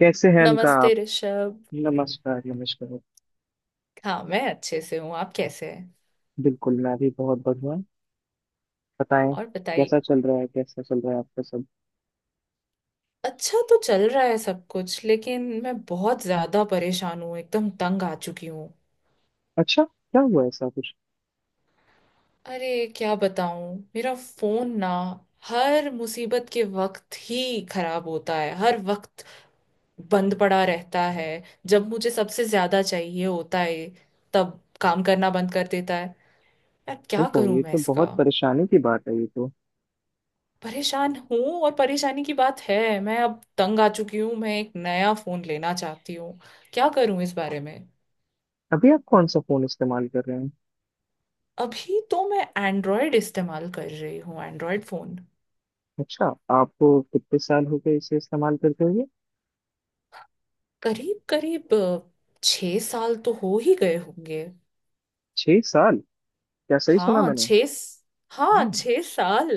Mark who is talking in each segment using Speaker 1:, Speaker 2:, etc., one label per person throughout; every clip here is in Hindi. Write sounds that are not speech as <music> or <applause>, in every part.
Speaker 1: कैसे हैं इनका
Speaker 2: नमस्ते
Speaker 1: आप?
Speaker 2: ऋषभ।
Speaker 1: नमस्कार, नमस्कार।
Speaker 2: हाँ मैं अच्छे से हूँ। आप कैसे हैं?
Speaker 1: बिल्कुल, मैं भी बहुत बढ़िया हूँ। बताएं।
Speaker 2: और
Speaker 1: कैसा
Speaker 2: बताइए।
Speaker 1: चल रहा है, कैसा चल रहा है आपका सब?
Speaker 2: अच्छा तो चल रहा है सब कुछ, लेकिन मैं बहुत ज्यादा परेशान हूँ, एकदम तंग आ चुकी हूँ।
Speaker 1: अच्छा, क्या हुआ ऐसा कुछ?
Speaker 2: अरे क्या बताऊँ, मेरा फोन ना हर मुसीबत के वक्त ही खराब होता है। हर वक्त बंद पड़ा रहता है। जब मुझे सबसे ज्यादा चाहिए होता है तब काम करना बंद कर देता है। यार क्या
Speaker 1: ओहो,
Speaker 2: करूँ
Speaker 1: ये
Speaker 2: मैं
Speaker 1: तो
Speaker 2: इसका।
Speaker 1: बहुत परेशानी की बात है, ये तो।
Speaker 2: परेशान हूँ, और परेशानी की बात है, मैं अब तंग आ चुकी हूँ। मैं एक नया फोन लेना चाहती हूँ। क्या करूँ इस बारे में?
Speaker 1: अभी आप कौन सा फोन इस्तेमाल कर रहे हैं?
Speaker 2: अभी तो मैं एंड्रॉयड इस्तेमाल कर रही हूँ, एंड्रॉयड फोन।
Speaker 1: अच्छा। आपको कितने साल हो गए इसे इस्तेमाल करते हुए?
Speaker 2: करीब करीब 6 साल तो हो ही गए होंगे।
Speaker 1: 6 साल? क्या सही सुना
Speaker 2: हाँ
Speaker 1: मैंने?
Speaker 2: हाँ
Speaker 1: हम्म,
Speaker 2: 6 साल।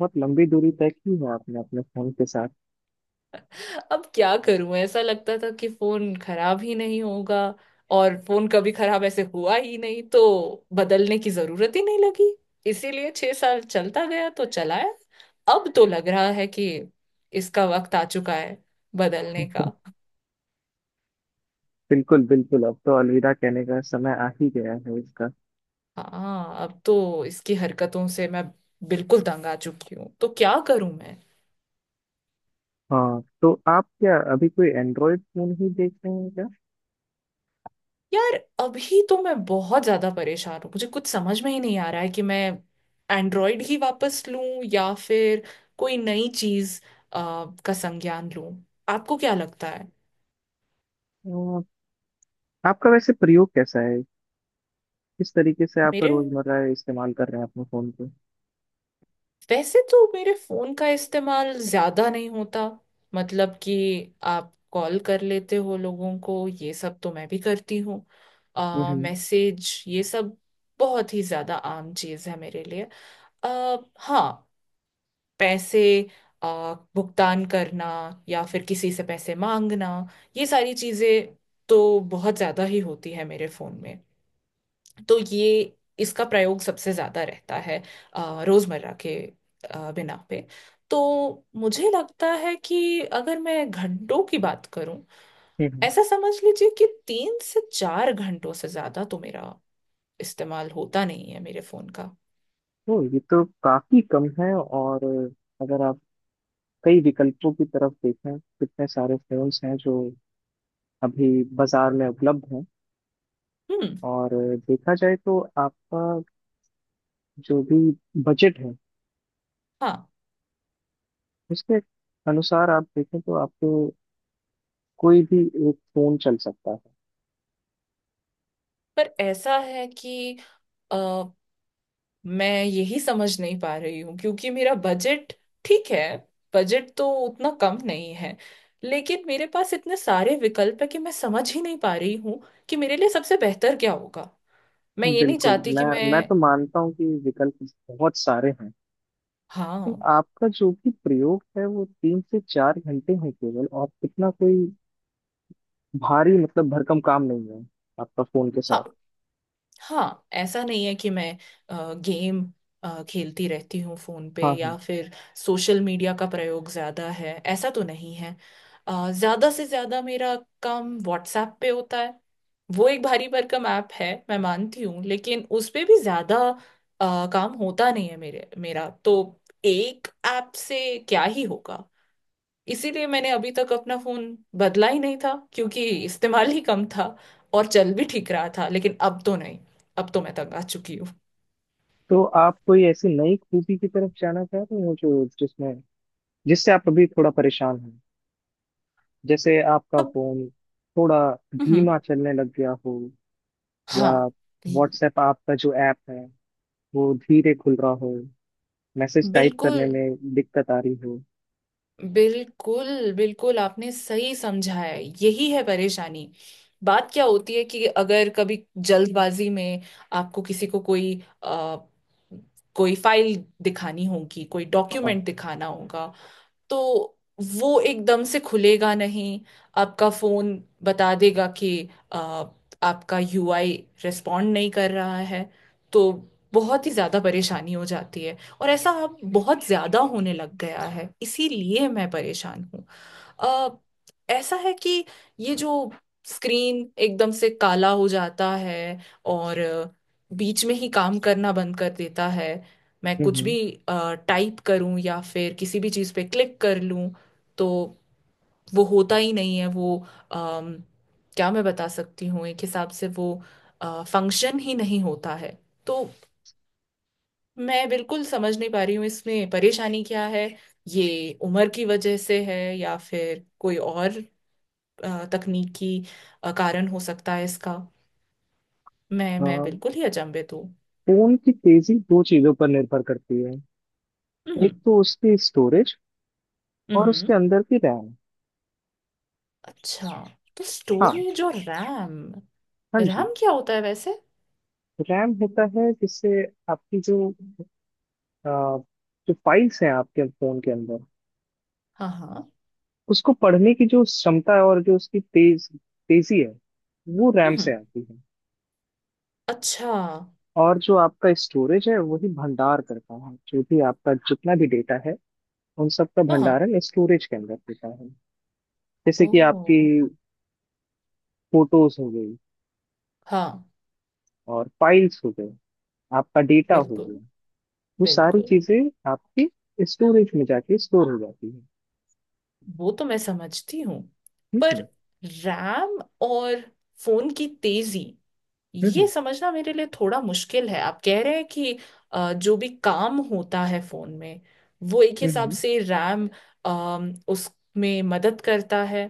Speaker 1: बहुत लंबी दूरी तय की है आपने अपने फोन के साथ।
Speaker 2: अब क्या करूं, ऐसा लगता था कि फोन खराब ही नहीं होगा। और फोन कभी खराब ऐसे हुआ ही नहीं तो बदलने की जरूरत ही नहीं लगी। इसीलिए 6 साल चलता गया तो चलाया। अब तो लग रहा है कि इसका वक्त आ चुका है बदलने का।
Speaker 1: बिल्कुल, बिल्कुल, अब तो अलविदा कहने का समय आ ही गया है इसका।
Speaker 2: हाँ अब तो इसकी हरकतों से मैं बिल्कुल तंग आ चुकी हूँ, तो क्या करूं मैं।
Speaker 1: हाँ, तो आप क्या अभी कोई एंड्रॉयड फोन ही देख रहे हैं?
Speaker 2: यार, अभी तो मैं बहुत ज्यादा परेशान हूँ, मुझे कुछ समझ में ही नहीं आ रहा है कि मैं एंड्रॉयड ही वापस लूं या फिर कोई नई चीज का संज्ञान लूं। आपको क्या लगता है?
Speaker 1: अ, आपका वैसे प्रयोग कैसा है? किस तरीके से आप
Speaker 2: मेरे
Speaker 1: रोजमर्रा इस्तेमाल कर रहे हैं अपने फोन को?
Speaker 2: वैसे तो मेरे फोन का इस्तेमाल ज्यादा नहीं होता। मतलब कि आप कॉल कर लेते हो लोगों को, ये सब तो मैं भी करती हूँ।
Speaker 1: हम्म।
Speaker 2: मैसेज ये सब बहुत ही ज्यादा आम चीज है मेरे लिए। अ हाँ। पैसे, भुगतान करना या फिर किसी से पैसे मांगना, ये सारी चीजें तो बहुत ज्यादा ही होती है मेरे फोन में। तो ये, इसका प्रयोग सबसे ज्यादा रहता है। रोजमर्रा के बिना पे। तो मुझे लगता है कि अगर मैं घंटों की बात करूं,
Speaker 1: हम्म।
Speaker 2: ऐसा समझ लीजिए कि 3 से 4 घंटों से ज्यादा तो मेरा इस्तेमाल होता नहीं है मेरे फोन का।
Speaker 1: तो ये तो काफी कम है। और अगर आप कई विकल्पों की तरफ देखें, कितने सारे फोन्स हैं जो अभी बाजार में उपलब्ध हैं।
Speaker 2: हम्म।
Speaker 1: और देखा जाए तो आपका जो भी बजट है,
Speaker 2: हाँ।
Speaker 1: उसके अनुसार आप देखें तो आपको कोई भी एक फोन चल सकता है।
Speaker 2: पर ऐसा है कि मैं यही समझ नहीं पा रही हूँ क्योंकि मेरा बजट ठीक है, बजट तो उतना कम नहीं है, लेकिन मेरे पास इतने सारे विकल्प है कि मैं समझ ही नहीं पा रही हूँ कि मेरे लिए सबसे बेहतर क्या होगा। मैं ये नहीं
Speaker 1: बिल्कुल,
Speaker 2: चाहती कि
Speaker 1: मैं
Speaker 2: मैं।
Speaker 1: मैं तो मानता हूँ कि विकल्प बहुत सारे हैं। तो
Speaker 2: हाँ
Speaker 1: आपका जो भी प्रयोग है वो 3 से 4 घंटे है केवल, और इतना कोई भारी, मतलब भरकम काम नहीं है आपका फोन के साथ।
Speaker 2: हाँ, हाँ, ऐसा नहीं है कि मैं गेम खेलती रहती हूँ फोन पे
Speaker 1: हाँ,
Speaker 2: या
Speaker 1: हाँ।
Speaker 2: फिर सोशल मीडिया का प्रयोग ज्यादा है, ऐसा तो नहीं है। ज्यादा से ज्यादा मेरा काम व्हाट्सएप पे होता है। वो एक भारी भरकम ऐप है मैं मानती हूँ, लेकिन उस पे भी ज्यादा काम होता नहीं है मेरे मेरा तो। एक ऐप से क्या ही होगा। इसीलिए मैंने अभी तक अपना फोन बदला ही नहीं था क्योंकि इस्तेमाल ही कम था और चल भी ठीक रहा था, लेकिन अब तो नहीं। अब तो मैं तंग आ चुकी हूँ।
Speaker 1: तो आप कोई ऐसी नई खूबी की तरफ जाना चाह रहे हो जो जिसमें जिससे आप अभी थोड़ा परेशान हैं, जैसे आपका
Speaker 2: अब।
Speaker 1: फोन थोड़ा
Speaker 2: हम्म।
Speaker 1: धीमा चलने लग गया हो, या
Speaker 2: हाँ। ये-
Speaker 1: व्हाट्सएप आपका जो ऐप है वो धीरे खुल रहा हो, मैसेज टाइप
Speaker 2: बिल्कुल,
Speaker 1: करने में दिक्कत आ रही हो।
Speaker 2: बिल्कुल बिल्कुल आपने सही समझा है, यही है परेशानी। बात क्या होती है कि अगर कभी जल्दबाजी में आपको किसी को कोई अ, कोई फाइल दिखानी होगी, कोई
Speaker 1: हाँ।
Speaker 2: डॉक्यूमेंट दिखाना होगा, तो वो एकदम से खुलेगा नहीं। आपका फोन बता देगा कि आ, आपका यूआई रिस्पॉन्ड नहीं कर रहा है। तो बहुत ही ज्यादा परेशानी हो जाती है। और ऐसा अब बहुत ज्यादा होने लग गया है इसीलिए मैं परेशान हूँ। अ, ऐसा है कि ये जो स्क्रीन एकदम से काला हो जाता है और बीच में ही काम करना बंद कर देता है। मैं
Speaker 1: हम्म।
Speaker 2: कुछ भी
Speaker 1: हम्म।
Speaker 2: टाइप करूं या फिर किसी भी चीज़ पे क्लिक कर लूं तो वो होता ही नहीं है। वो अम, क्या मैं बता सकती हूँ, एक हिसाब से वो फंक्शन ही नहीं होता है। तो मैं बिल्कुल समझ नहीं पा रही हूँ इसमें परेशानी क्या है। ये उम्र की वजह से है या फिर कोई और तकनीकी कारण हो सकता है इसका। मैं
Speaker 1: अ,
Speaker 2: मैं बिल्कुल ही अचंभित हूँ।
Speaker 1: फोन की तेजी दो चीजों पर निर्भर करती है, एक तो उसकी स्टोरेज, और उसके
Speaker 2: हम्म।
Speaker 1: अंदर की रैम।
Speaker 2: अच्छा, तो
Speaker 1: हाँ,
Speaker 2: स्टोरेज और रैम।
Speaker 1: हाँ जी।
Speaker 2: रैम क्या होता है वैसे?
Speaker 1: रैम होता है जिससे आपकी अ, जो फाइल्स हैं आपके फोन के अंदर,
Speaker 2: हाँ हाँ।
Speaker 1: उसको पढ़ने की जो क्षमता है और जो उसकी तेजी है, वो रैम से
Speaker 2: हम्म।
Speaker 1: आती है।
Speaker 2: अच्छा हाँ।
Speaker 1: और जो आपका स्टोरेज है वही भंडार करता है, जो भी आपका जितना भी डेटा है, उन सब का
Speaker 2: हाँ।
Speaker 1: भंडारण स्टोरेज के अंदर होता है। जैसे कि आपकी
Speaker 2: ओ।
Speaker 1: फोटोज हो गई,
Speaker 2: हाँ,
Speaker 1: और फाइल्स हो गए, आपका डेटा हो
Speaker 2: बिल्कुल
Speaker 1: गया, वो सारी
Speaker 2: बिल्कुल।
Speaker 1: चीजें आपके स्टोरेज में जाके स्टोर हो जाती है।
Speaker 2: वो तो मैं समझती हूँ।
Speaker 1: ठीक
Speaker 2: पर
Speaker 1: है।
Speaker 2: रैम और फोन की तेजी, ये
Speaker 1: हम्म।
Speaker 2: समझना मेरे लिए थोड़ा मुश्किल है। आप कह रहे हैं कि जो भी काम होता है फोन में वो एक हिसाब
Speaker 1: हम्म।
Speaker 2: से रैम, उसमें मदद करता है,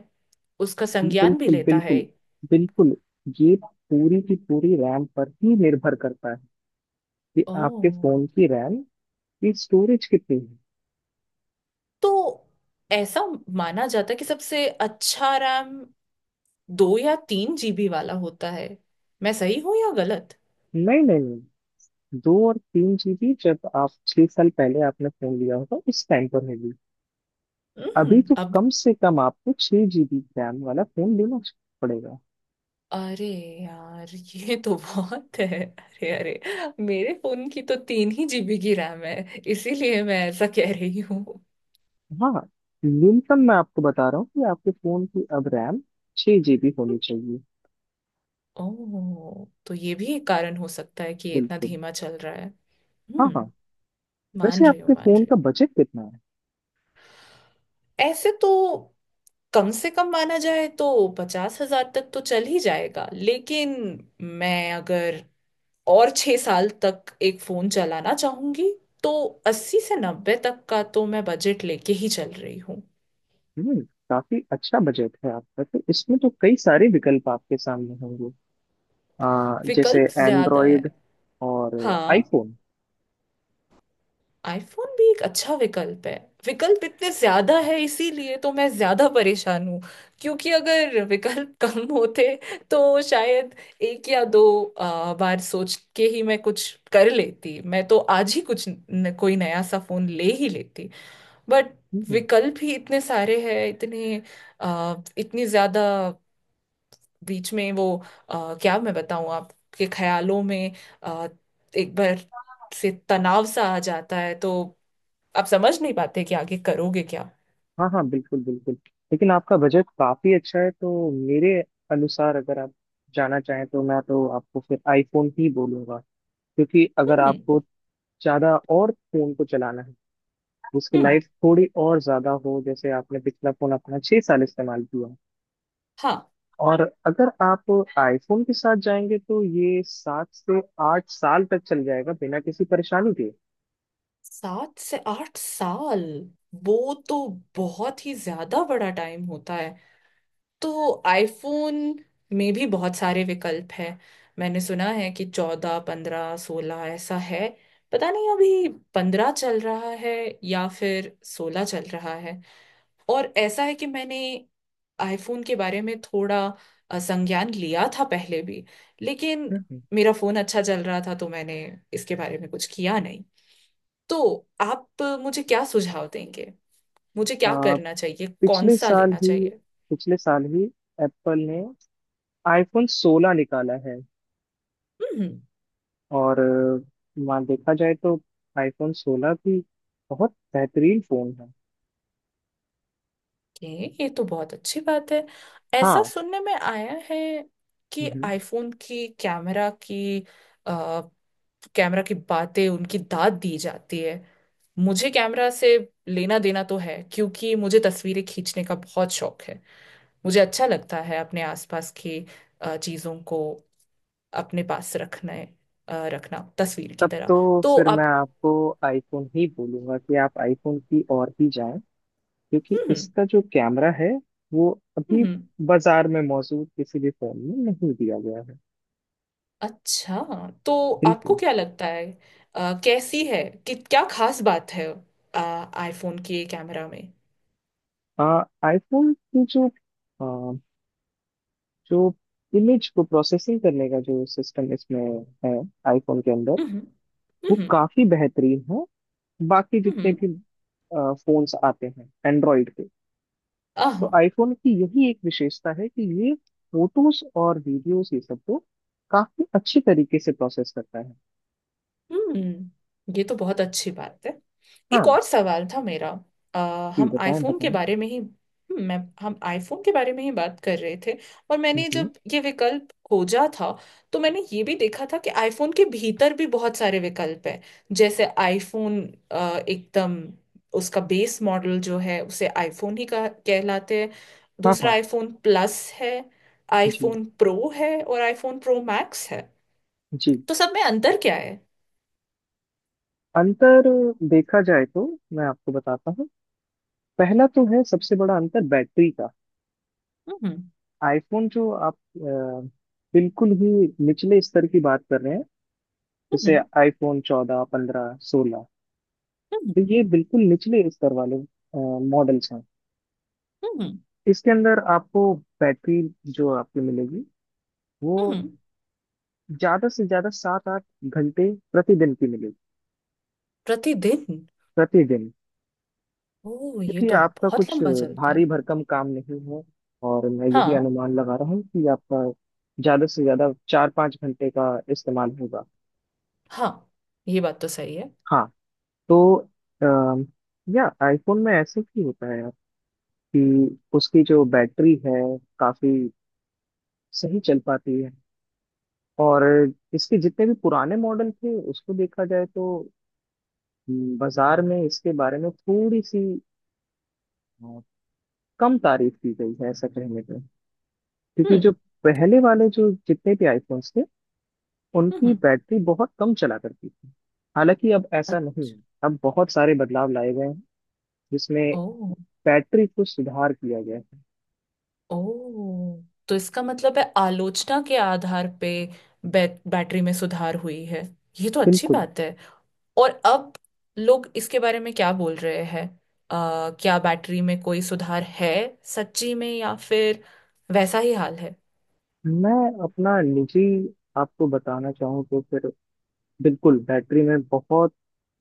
Speaker 2: उसका
Speaker 1: हम्म।
Speaker 2: संज्ञान भी
Speaker 1: बिल्कुल,
Speaker 2: लेता है।
Speaker 1: बिल्कुल, बिल्कुल, ये पूरी की पूरी रैम पर ही निर्भर करता है, कि आपके
Speaker 2: ओह।
Speaker 1: फोन की रैम की स्टोरेज कितनी है।
Speaker 2: तो ऐसा माना जाता है कि सबसे अच्छा रैम 2 या 3 GB वाला होता है। मैं सही हूँ या गलत?
Speaker 1: नहीं, नहीं, नहीं, 2 और 3 जीबी जब आप 6 साल पहले आपने फोन लिया होगा उस टाइम पर होगी। अभी
Speaker 2: हम्म।
Speaker 1: तो
Speaker 2: अब,
Speaker 1: कम से कम आपको 6 जीबी रैम वाला फोन लेना पड़ेगा।
Speaker 2: अरे यार ये तो बहुत है, अरे अरे, मेरे फोन की तो 3 ही GB की रैम है इसीलिए मैं ऐसा कह रही हूँ।
Speaker 1: हाँ, न्यूनतम मैं आपको बता रहा हूँ कि आपके फोन की अब रैम 6 जीबी होनी चाहिए।
Speaker 2: ओह, तो ये भी एक कारण हो सकता है कि ये इतना
Speaker 1: बिल्कुल।
Speaker 2: धीमा चल रहा है।
Speaker 1: हाँ, हाँ।
Speaker 2: हम्म। मान
Speaker 1: वैसे
Speaker 2: रही हूँ,
Speaker 1: आपके
Speaker 2: मान
Speaker 1: फोन
Speaker 2: रही
Speaker 1: का
Speaker 2: हूँ।
Speaker 1: बजट कितना है?
Speaker 2: ऐसे तो कम से कम माना जाए तो 50,000 तक तो चल ही जाएगा, लेकिन मैं अगर और 6 साल तक एक फोन चलाना चाहूंगी तो 80 से 90 तक का तो मैं बजट लेके ही चल रही हूँ।
Speaker 1: हम्म। काफी अच्छा बजट है आपका, तो इसमें तो कई सारे विकल्प आपके सामने होंगे, जैसे
Speaker 2: विकल्प ज्यादा है।
Speaker 1: एंड्रॉयड और
Speaker 2: हाँ।
Speaker 1: आईफोन।
Speaker 2: आईफोन भी एक अच्छा विकल्प है। विकल्प इतने ज्यादा है इसीलिए तो मैं ज्यादा परेशान हूँ। क्योंकि अगर विकल्प <laughs> कम होते तो शायद एक या दो बार सोच के ही मैं कुछ कर लेती, मैं तो आज ही कुछ न, कोई नया सा फोन ले ही लेती। बट
Speaker 1: हम्म।
Speaker 2: विकल्प ही इतने सारे हैं, इतने इतनी ज्यादा बीच में वो क्या मैं बताऊँ, आपके ख्यालों में आ, एक बार से तनाव सा आ जाता है, तो आप समझ नहीं पाते कि आगे करोगे क्या।
Speaker 1: हाँ, हाँ, बिल्कुल, बिल्कुल। लेकिन आपका बजट काफी अच्छा है, तो मेरे अनुसार, अगर आप जाना चाहें तो मैं तो आपको फिर आईफोन ही बोलूंगा। क्योंकि अगर
Speaker 2: हम्म
Speaker 1: आपको ज्यादा और फोन को चलाना है, उसकी
Speaker 2: हम्म।
Speaker 1: लाइफ थोड़ी और ज्यादा हो, जैसे आपने पिछला फोन अपना 6 साल इस्तेमाल किया,
Speaker 2: हाँ।
Speaker 1: और अगर आप आईफोन के साथ जाएंगे तो ये 7 से 8 साल तक चल जाएगा बिना किसी परेशानी के।
Speaker 2: 7 से 8 साल, वो तो बहुत ही ज्यादा बड़ा टाइम होता है। तो आईफोन में भी बहुत सारे विकल्प हैं। मैंने सुना है कि 14 15 16 ऐसा है। पता नहीं अभी 15 चल रहा है या फिर 16 चल रहा है। और ऐसा है कि मैंने आईफोन के बारे में थोड़ा संज्ञान लिया था पहले भी, लेकिन
Speaker 1: हम्म।
Speaker 2: मेरा फोन अच्छा चल रहा था तो मैंने इसके बारे में कुछ किया नहीं। तो आप मुझे क्या सुझाव देंगे? मुझे क्या
Speaker 1: आ,
Speaker 2: करना चाहिए, कौन
Speaker 1: पिछले
Speaker 2: सा
Speaker 1: साल
Speaker 2: लेना
Speaker 1: ही
Speaker 2: चाहिए?
Speaker 1: पिछले साल ही एप्पल ने आईफोन 16 निकाला है।
Speaker 2: हम्म।
Speaker 1: और वहाँ देखा जाए तो आईफोन 16 भी बहुत बेहतरीन फोन है।
Speaker 2: ये तो बहुत अच्छी बात है। ऐसा
Speaker 1: हाँ।
Speaker 2: सुनने में आया है कि
Speaker 1: हम्म।
Speaker 2: आईफोन की कैमरा की कैमरा की बातें उनकी दाद दी जाती है। मुझे कैमरा से लेना देना तो है, क्योंकि मुझे तस्वीरें खींचने का बहुत शौक है। मुझे अच्छा लगता है अपने आसपास की चीजों को अपने पास रखना, रखना तस्वीर की
Speaker 1: तब
Speaker 2: तरह।
Speaker 1: तो
Speaker 2: तो
Speaker 1: फिर मैं
Speaker 2: आप।
Speaker 1: आपको आईफोन ही बोलूंगा कि आप आईफोन की ओर ही जाएं, क्योंकि
Speaker 2: हम्म
Speaker 1: इसका जो कैमरा है, वो अभी
Speaker 2: हम्म।
Speaker 1: बाजार में मौजूद किसी भी फोन में नहीं दिया गया है।
Speaker 2: अच्छा, तो आपको
Speaker 1: बिल्कुल।
Speaker 2: क्या लगता है, कैसी है कि क्या खास बात है आईफोन के कैमरा में?
Speaker 1: आ, आईफोन की अ, जो इमेज को प्रोसेसिंग करने का जो सिस्टम इसमें है, आईफोन के अंदर,
Speaker 2: हम्म।
Speaker 1: वो
Speaker 2: हम्म।
Speaker 1: काफी बेहतरीन है। बाकी जितने भी फोन्स आते हैं एंड्रॉइड के, तो
Speaker 2: हम्म।
Speaker 1: आईफोन की यही एक विशेषता है कि ये फोटोज और वीडियोस, ये सब को काफी अच्छी तरीके से प्रोसेस करता है।
Speaker 2: हम्म। ये तो बहुत अच्छी बात है। एक
Speaker 1: हाँ
Speaker 2: और सवाल था मेरा।
Speaker 1: जी,
Speaker 2: हम
Speaker 1: बताएं,
Speaker 2: आईफोन के
Speaker 1: बताएं।
Speaker 2: बारे में ही, मैं हम आईफोन के बारे में ही बात कर रहे थे। और मैंने जब ये विकल्प खोजा था तो मैंने ये भी देखा था कि आईफोन के भीतर भी बहुत सारे विकल्प हैं। जैसे आईफोन एकदम, उसका बेस मॉडल जो है उसे आईफोन ही कहलाते हैं।
Speaker 1: हाँ,
Speaker 2: दूसरा
Speaker 1: हाँ,
Speaker 2: आईफोन प्लस है,
Speaker 1: जी,
Speaker 2: आईफोन प्रो है और आईफोन प्रो मैक्स है।
Speaker 1: जी,
Speaker 2: तो सब में अंतर क्या है?
Speaker 1: अंतर देखा जाए तो मैं आपको बताता हूँ। पहला तो है सबसे बड़ा अंतर बैटरी का।
Speaker 2: हम्म।
Speaker 1: आईफोन जो आप बिल्कुल ही निचले स्तर की बात कर रहे हैं, जैसे
Speaker 2: हम्म।
Speaker 1: आईफोन 14 15 16,
Speaker 2: हम्म।
Speaker 1: तो ये बिल्कुल निचले स्तर वाले मॉडल्स हैं।
Speaker 2: हम्म।
Speaker 1: इसके अंदर आपको बैटरी जो आपको मिलेगी, वो
Speaker 2: हम्म।
Speaker 1: ज्यादा से ज्यादा 7 8 घंटे प्रतिदिन की मिलेगी।
Speaker 2: प्रतिदिन?
Speaker 1: प्रतिदिन।
Speaker 2: ओ, ये
Speaker 1: देखिए
Speaker 2: तो
Speaker 1: आपका
Speaker 2: बहुत
Speaker 1: कुछ
Speaker 2: लंबा चलता
Speaker 1: भारी
Speaker 2: है।
Speaker 1: भरकम काम नहीं है, और मैं यही
Speaker 2: हाँ।
Speaker 1: अनुमान लगा रहा हूँ कि आपका ज्यादा से ज्यादा 4 5 घंटे का इस्तेमाल होगा।
Speaker 2: हाँ ये बात तो सही है।
Speaker 1: हाँ। तो अम, या आईफोन में ऐसे ही होता है कि उसकी जो बैटरी है काफी सही चल पाती है। और इसके जितने भी पुराने मॉडल थे, उसको देखा जाए तो बाजार में इसके बारे में थोड़ी सी अ, कम तारीफ की गई है ऐसा कहने पे। क्योंकि
Speaker 2: हम्म।
Speaker 1: जो पहले वाले जो जितने भी आईफोन्स थे, उनकी
Speaker 2: हम्म।
Speaker 1: बैटरी बहुत कम चला करती थी। हालांकि अब ऐसा
Speaker 2: अत-
Speaker 1: नहीं है, अब बहुत सारे बदलाव लाए गए हैं जिसमें
Speaker 2: ओ।
Speaker 1: बैटरी को सुधार किया गया है।
Speaker 2: ओ, तो इसका मतलब है आलोचना के आधार पे बैटरी में सुधार हुई है। ये तो अच्छी
Speaker 1: बिल्कुल।
Speaker 2: बात है। और अब लोग इसके बारे में क्या बोल रहे हैं? क्या बैटरी में कोई सुधार है सच्ची में, या फिर वैसा ही हाल है?
Speaker 1: मैं अपना निजी आपको बताना चाहूँ तो फिर बिल्कुल, बैटरी में बहुत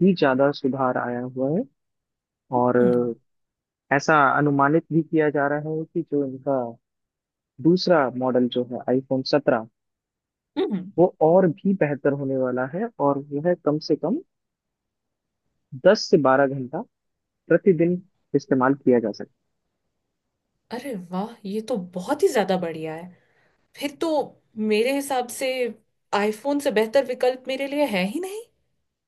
Speaker 1: ही ज्यादा सुधार आया हुआ है। और
Speaker 2: हम्म।
Speaker 1: ऐसा अनुमानित भी किया जा रहा है कि जो इनका दूसरा मॉडल जो है आईफोन 17,
Speaker 2: हम्म।
Speaker 1: वो और भी बेहतर होने वाला है, और वह कम से कम 10 से 12 घंटा प्रतिदिन इस्तेमाल किया जा सकता
Speaker 2: अरे वाह ये तो बहुत ही ज्यादा बढ़िया है। फिर तो मेरे हिसाब से आईफोन से बेहतर विकल्प मेरे लिए है ही नहीं।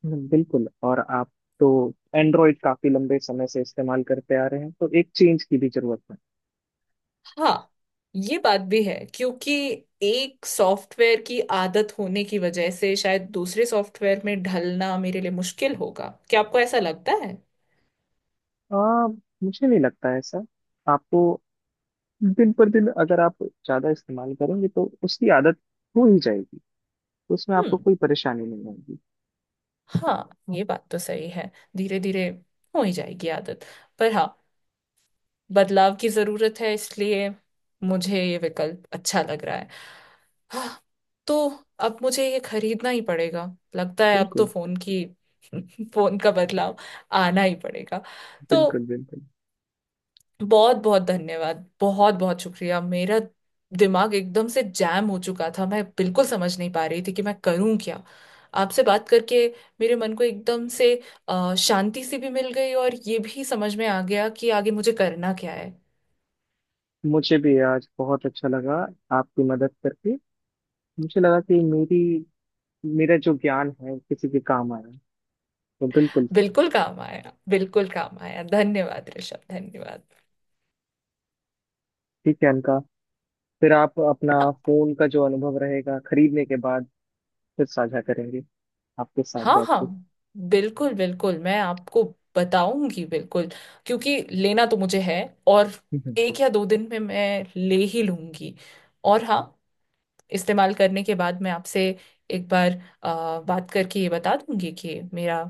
Speaker 1: है। बिल्कुल, और आप तो एंड्रॉइड काफी लंबे समय से इस्तेमाल करते आ रहे हैं, तो एक चेंज की भी जरूरत है।
Speaker 2: हाँ ये बात भी है, क्योंकि एक सॉफ्टवेयर की आदत होने की वजह से शायद दूसरे सॉफ्टवेयर में ढलना मेरे लिए मुश्किल होगा। क्या आपको ऐसा लगता है?
Speaker 1: आ, मुझे नहीं लगता है ऐसा। आपको दिन पर दिन अगर आप ज्यादा इस्तेमाल करेंगे, तो उसकी आदत हो ही जाएगी, तो उसमें आपको
Speaker 2: हम्म।
Speaker 1: कोई परेशानी नहीं आएगी।
Speaker 2: हाँ ये बात तो सही है। धीरे धीरे हो ही जाएगी आदत। पर हाँ, बदलाव की जरूरत है, इसलिए मुझे ये विकल्प अच्छा लग रहा है। हाँ, तो अब मुझे ये खरीदना ही पड़ेगा। लगता है अब तो
Speaker 1: बिल्कुल,
Speaker 2: फोन की <laughs> फोन का बदलाव आना ही पड़ेगा। तो
Speaker 1: बिल्कुल, बिल्कुल।
Speaker 2: बहुत बहुत धन्यवाद, बहुत बहुत शुक्रिया। मेरा दिमाग एकदम से जैम हो चुका था, मैं बिल्कुल समझ नहीं पा रही थी कि मैं करूं क्या। आपसे बात करके मेरे मन को एकदम से शांति सी भी मिल गई, और ये भी समझ में आ गया कि आगे मुझे करना क्या है।
Speaker 1: मुझे भी आज बहुत अच्छा लगा आपकी मदद करके। मुझे लगा कि मेरी मेरा जो ज्ञान है किसी के काम आया, तो बिल्कुल।
Speaker 2: बिल्कुल काम आया, बिल्कुल काम आया, धन्यवाद ऋषभ, धन्यवाद।
Speaker 1: ठीक है अनका, फिर आप अपना फोन का जो अनुभव रहेगा खरीदने के बाद फिर साझा करेंगे आपके साथ
Speaker 2: हाँ
Speaker 1: बैठ
Speaker 2: हाँ
Speaker 1: के।
Speaker 2: बिल्कुल बिल्कुल, मैं आपको बताऊंगी बिल्कुल। क्योंकि लेना तो मुझे है, और
Speaker 1: हम्म।
Speaker 2: 1 या 2 दिन में मैं ले ही लूंगी। और हाँ, इस्तेमाल करने के बाद मैं आपसे एक बार बात करके ये बता दूंगी कि मेरा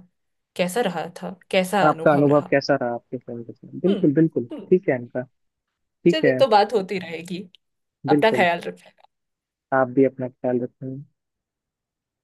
Speaker 2: कैसा रहा था, कैसा
Speaker 1: आपका
Speaker 2: अनुभव
Speaker 1: अनुभव
Speaker 2: रहा।
Speaker 1: कैसा रहा आपके फोन के साथ, बिल्कुल,
Speaker 2: हम्म।
Speaker 1: बिल्कुल।
Speaker 2: हम्म,
Speaker 1: ठीक है अनका, ठीक
Speaker 2: चलिए
Speaker 1: है।
Speaker 2: तो बात होती रहेगी। अपना
Speaker 1: बिल्कुल,
Speaker 2: ख्याल रखिए।
Speaker 1: आप भी अपना ख्याल रखें।